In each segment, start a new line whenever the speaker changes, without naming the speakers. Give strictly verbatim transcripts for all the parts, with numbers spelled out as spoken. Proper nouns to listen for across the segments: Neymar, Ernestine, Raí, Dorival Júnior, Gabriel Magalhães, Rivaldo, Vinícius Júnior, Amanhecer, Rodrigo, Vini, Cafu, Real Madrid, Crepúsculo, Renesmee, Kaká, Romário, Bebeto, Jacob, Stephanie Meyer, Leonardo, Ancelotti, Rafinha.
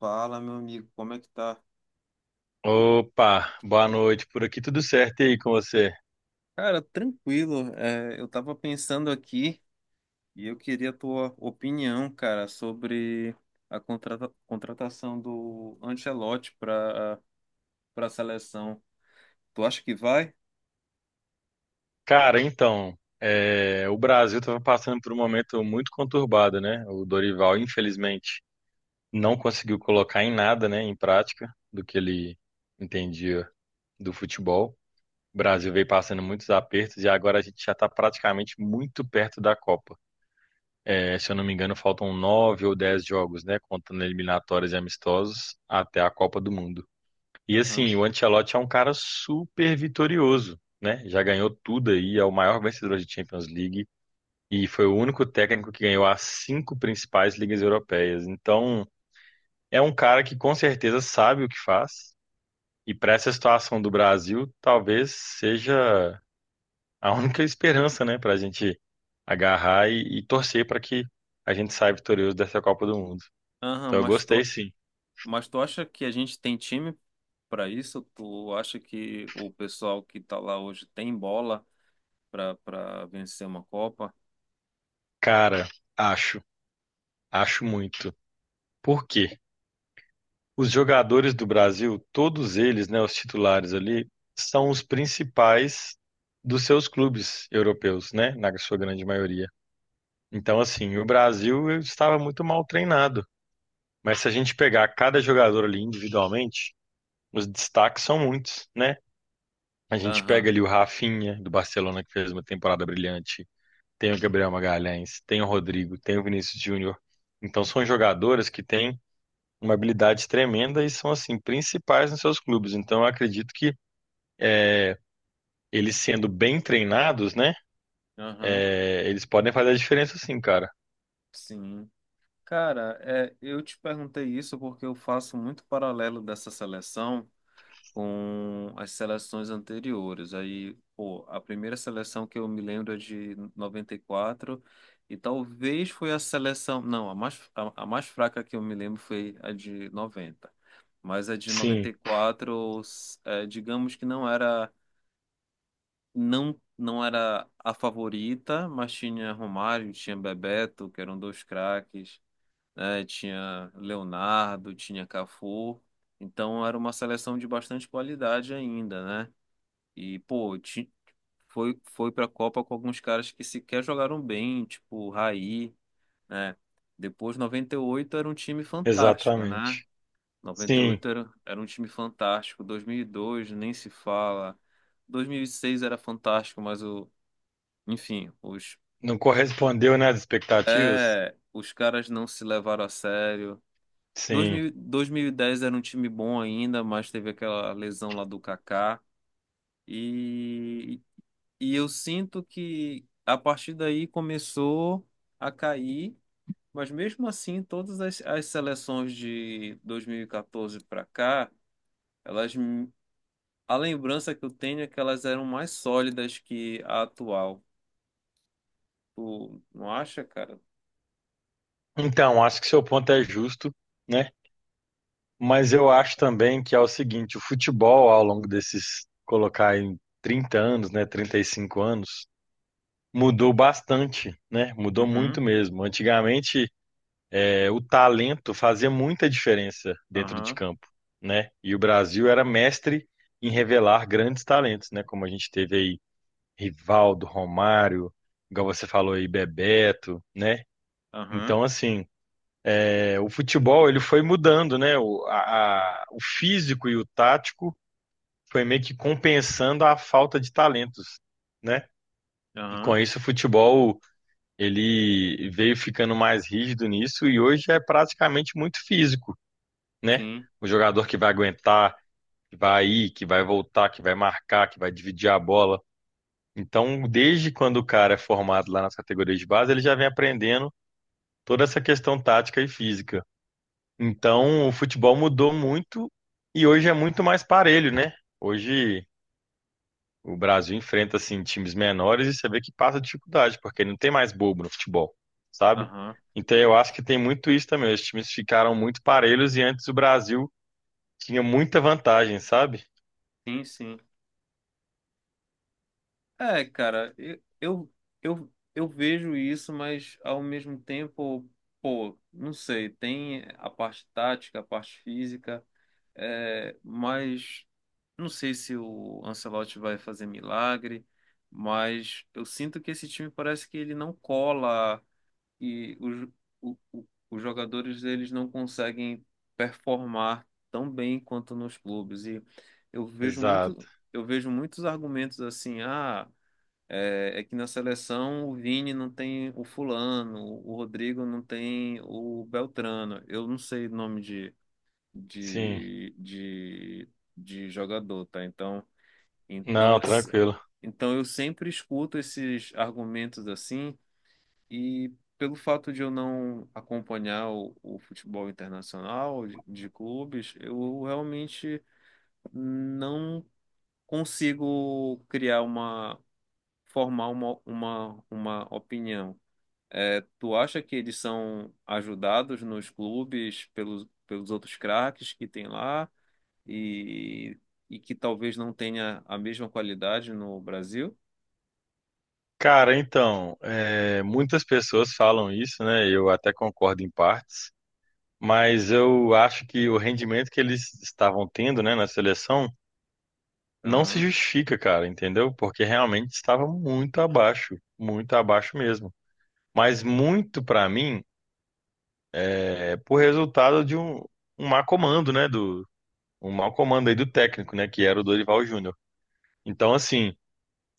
Fala, meu amigo, como é que tá?
Opa, boa noite. Por aqui tudo certo e aí com você?
Cara, tranquilo. É, eu tava pensando aqui e eu queria a tua opinião, cara, sobre a contrata- contratação do Ancelotti para para a seleção. Tu acha que vai?
Cara, então, é, o Brasil estava passando por um momento muito conturbado, né? O Dorival, infelizmente, não conseguiu colocar em nada, né, em prática, do que ele entendia do futebol. O Brasil veio passando muitos apertos e agora a gente já está praticamente muito perto da Copa. É, se eu não me engano, faltam nove ou dez jogos, né, contando eliminatórias e amistosos, até a Copa do Mundo. E
Aham.
assim, o Ancelotti é um cara super vitorioso, né? Já ganhou tudo aí, é o maior vencedor de Champions League e foi o único técnico que ganhou as cinco principais ligas europeias. Então, é um cara que com certeza sabe o que faz. E para essa situação do Brasil, talvez seja a única esperança, né, para a gente agarrar e, e torcer para que a gente saia vitorioso dessa Copa do Mundo.
Aham,
Então, eu
mas
gostei
tu,
sim.
mas tu acha que a gente tem time para isso? Tu acha que o pessoal que tá lá hoje tem bola para para vencer uma Copa?
Cara, acho, acho muito. Por quê? Os jogadores do Brasil, todos eles, né, os titulares ali, são os principais dos seus clubes europeus, né, na sua grande maioria. Então, assim, o Brasil estava muito mal treinado. Mas se a gente pegar cada jogador ali individualmente, os destaques são muitos, né? A gente pega
Aham.
ali o Rafinha, do Barcelona, que fez uma temporada brilhante. Tem o Gabriel Magalhães, tem o Rodrigo, tem o Vinícius Júnior. Então, são jogadores que têm uma habilidade tremenda e são assim principais nos seus clubes. Então eu acredito que eles sendo bem treinados, né,
Aham.
é, eles podem fazer a diferença sim, cara.
Sim. Cara, é, eu te perguntei isso porque eu faço muito paralelo dessa seleção com as seleções anteriores. Aí, pô, a primeira seleção que eu me lembro é de noventa e quatro, e talvez foi a seleção, não, a mais, a, a mais fraca que eu me lembro foi a de noventa. Mas a de
Sim,
noventa e quatro, é, digamos que não era não não era a favorita, mas tinha Romário, tinha Bebeto, que eram dois craques, né? Tinha Leonardo, tinha Cafu. Então era uma seleção de bastante qualidade ainda, né? E, pô, ti- foi, foi pra Copa com alguns caras que sequer jogaram bem, tipo Raí, né? Depois, noventa e oito era um time fantástico, né?
exatamente. Sim,
noventa e oito era, era um time fantástico. dois mil e dois, nem se fala. dois mil e seis era fantástico, mas o, enfim, os,
não correspondeu, né, às expectativas?
é, os caras não se levaram a sério.
Sim.
dois mil, dois mil e dez era um time bom ainda, mas teve aquela lesão lá do Kaká. E, e eu sinto que a partir daí começou a cair, mas mesmo assim, todas as, as seleções de dois mil e quatorze para cá, elas, a lembrança que eu tenho é que elas eram mais sólidas que a atual. Tu não acha, cara?
Então, acho que seu ponto é justo, né? Mas eu acho também que é o seguinte, o futebol ao longo desses colocar em trinta anos, né, trinta e cinco anos, mudou bastante, né? Mudou muito
Uhum,
mesmo. Antigamente é, o talento fazia muita diferença dentro de
aham,
campo, né? E o Brasil era mestre em revelar grandes talentos, né? Como a gente teve aí Rivaldo, Romário, igual você falou aí, Bebeto, né?
aham,
Então, assim, é, o futebol ele foi mudando, né? O, a- a- o físico e o tático foi meio que compensando a falta de talentos, né? E com
aham,
isso o futebol ele veio ficando mais rígido nisso e hoje é praticamente muito físico. Né?
sim,
O jogador que vai aguentar, que vai ir, que vai voltar, que vai marcar, que vai dividir a bola. Então, desde quando o cara é formado lá nas categorias de base, ele já vem aprendendo toda essa questão tática e física. Então, o futebol mudou muito e hoje é muito mais parelho, né? Hoje o Brasil enfrenta assim times menores e você vê que passa dificuldade, porque não tem mais bobo no futebol, sabe?
aham,
Então, eu acho que tem muito isso também. Os times ficaram muito parelhos e antes o Brasil tinha muita vantagem, sabe?
sim, sim. É, cara, eu, eu, eu, eu vejo isso, mas ao mesmo tempo, pô, não sei, tem a parte tática, a parte física, é, mas não sei se o Ancelotti vai fazer milagre, mas eu sinto que esse time parece que ele não cola e os, o- o- os jogadores eles não conseguem performar tão bem quanto nos clubes. E eu vejo
Exato.
muito, eu vejo muitos argumentos assim, ah. É, é que na seleção o Vini não tem o fulano, o Rodrigo não tem o Beltrano. Eu não sei nome de,
Sim.
de, de, de jogador, tá? Então, então,
Não,
é se-
tranquilo.
então eu sempre escuto esses argumentos assim e pelo fato de eu não acompanhar o, o futebol internacional de, de clubes, eu realmente não consigo criar formar uma, uma, uma opinião. É, tu acha que eles são ajudados nos clubes pelos, pelos outros craques que tem lá e, e que talvez não tenha a mesma qualidade no Brasil?
Cara, então, é, muitas pessoas falam isso, né? Eu até concordo em partes, mas eu acho que o rendimento que eles estavam tendo, né, na seleção não se
Aham,
justifica, cara, entendeu? Porque realmente estava muito abaixo, muito abaixo mesmo. Mas muito pra mim é por resultado de um, um má comando, né? Do, um mau comando aí do técnico, né? Que era o Dorival Júnior. Então, assim.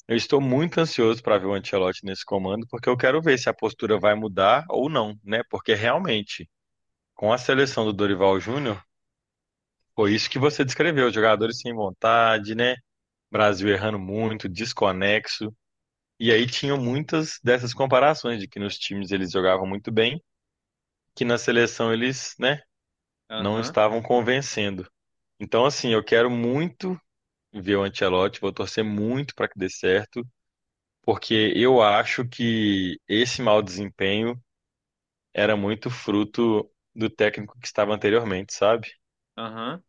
Eu estou muito ansioso para ver o Ancelotti nesse comando, porque eu quero ver se a postura vai mudar ou não, né? Porque realmente, com a seleção do Dorival Júnior, foi isso que você descreveu, os jogadores sem vontade, né? Brasil errando muito, desconexo. E aí tinham muitas dessas comparações de que nos times eles jogavam muito bem, que na seleção eles, né, não
aham,
estavam convencendo. Então, assim, eu quero muito ver o Ancelotti, vou torcer muito para que dê certo. Porque eu acho que esse mau desempenho era muito fruto do técnico que estava anteriormente, sabe?
aham.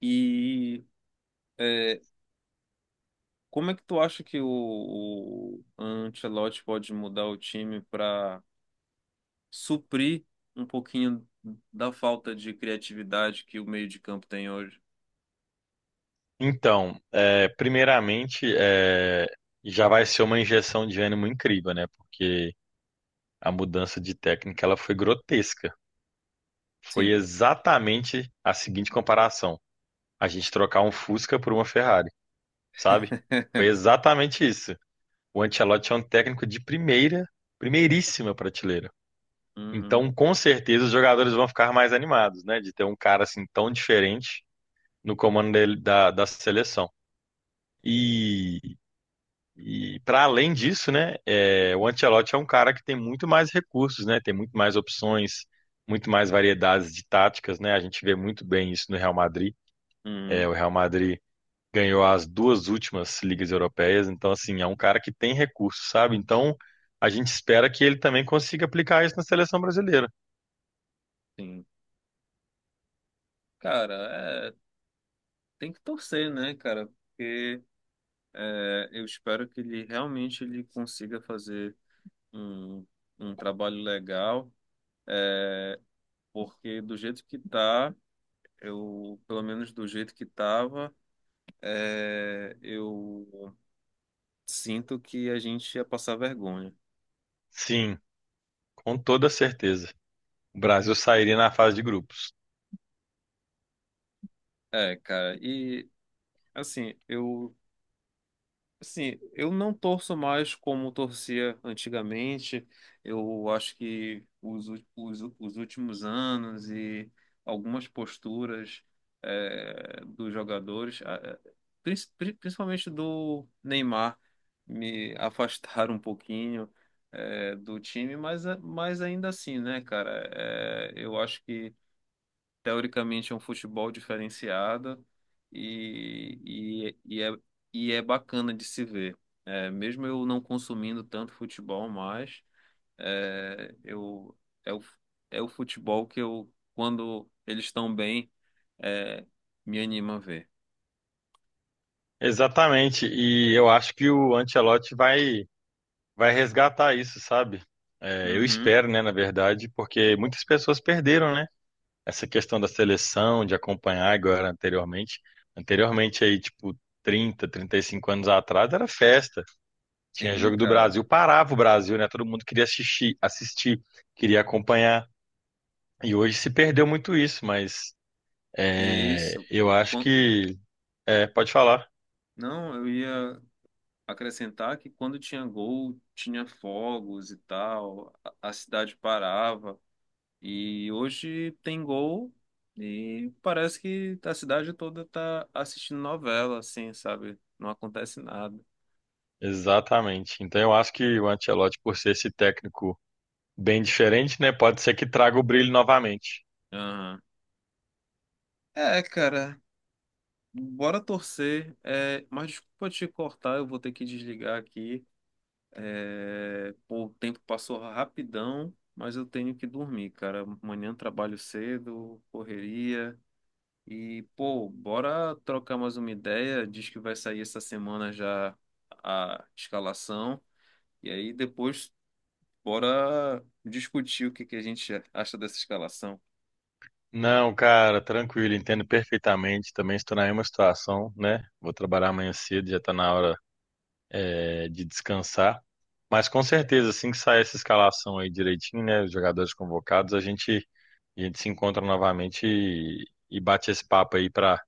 E é, como é que tu acha que o, o Ancelotti pode mudar o time para suprir um pouquinho da falta de criatividade que o meio de campo tem hoje?
Então, é, primeiramente, é, já vai ser uma injeção de ânimo incrível, né? Porque a mudança de técnica ela foi grotesca. Foi
Sim.
exatamente a seguinte comparação: a gente trocar um Fusca por uma Ferrari, sabe? Foi exatamente isso. O Ancelotti é um técnico de primeira, primeiríssima prateleira.
Uhum.
Então, com certeza, os jogadores vão ficar mais animados, né? De ter um cara assim tão diferente no comando dele- da, da seleção. E, e para além disso, né? É, o Ancelotti é um cara que tem muito mais recursos, né? Tem muito mais opções, muito mais variedades de táticas, né? A gente vê muito bem isso no Real Madrid. É, o
Uhum,
Real Madrid ganhou as duas últimas ligas europeias, então assim, é um cara que tem recursos, sabe? Então, a gente espera que ele também consiga aplicar isso na seleção brasileira.
sim. Cara, é, tem que torcer, né, cara? Porque é, eu espero que ele realmente ele consiga fazer um, um trabalho legal, porque do jeito que tá, eu, pelo menos do jeito que tava, é, eu sinto que a gente ia passar vergonha.
Sim, com toda certeza. O Brasil sairia na fase de grupos.
É, cara, e assim, eu assim, eu não torço mais como torcia antigamente. Eu acho que os, ú- os, ú- os últimos anos e algumas posturas eh, dos jogadores, ah, eh, prin- pri- principalmente do Neymar, me afastaram um pouquinho eh, do time, mas, a- mas ainda assim, né, cara? Eh, eu acho que teoricamente é um futebol diferenciado e, e, e, é, e é bacana de se ver. É, mesmo eu não consumindo tanto futebol mais, é, eu, é, o, é o futebol que eu, quando eles estão bem, é, me anima a ver.
Exatamente. E eu acho que o Ancelotti vai, vai resgatar isso, sabe? É, eu
Uhum,
espero, né, na verdade, porque muitas pessoas perderam, né? Essa questão da seleção, de acompanhar agora anteriormente. Anteriormente, aí, tipo, trinta, trinta e cinco anos atrás, era festa. Tinha
sim,
jogo do
cara.
Brasil, parava o Brasil, né? Todo mundo queria assistir, assistir, queria acompanhar. E hoje se perdeu muito isso, mas
E
é,
isso.
eu acho
Quan-
que é, pode falar.
Não, eu ia acrescentar que quando tinha gol, tinha fogos e tal, a a cidade parava. E hoje tem gol e parece que a cidade toda tá assistindo novela, assim, sabe? Não acontece nada.
Exatamente. Então eu acho que o Ancelotti, por ser esse técnico bem diferente, né, pode ser que traga o brilho novamente.
Aham. É, cara, bora torcer. É, mas desculpa te cortar, eu vou ter que desligar aqui. É, pô, o tempo passou rapidão, mas eu tenho que dormir, cara. Amanhã trabalho cedo, correria. E, pô, bora trocar mais uma ideia. Diz que vai sair essa semana já a escalação. E aí depois, bora discutir o que que a gente acha dessa escalação.
Não, cara, tranquilo, entendo perfeitamente. Também estou na mesma situação, né? Vou trabalhar amanhã cedo, já está na hora, é, de descansar. Mas com certeza, assim que sair essa escalação aí direitinho, né, os jogadores convocados, a gente, a gente se encontra novamente e, e bate esse papo aí para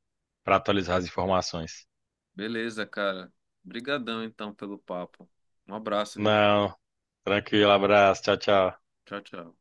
para atualizar as informações.
Beleza, cara. Obrigadão então pelo papo. Um abraço, viu?
Não, tranquilo, abraço, tchau, tchau.
Tchau, tchau.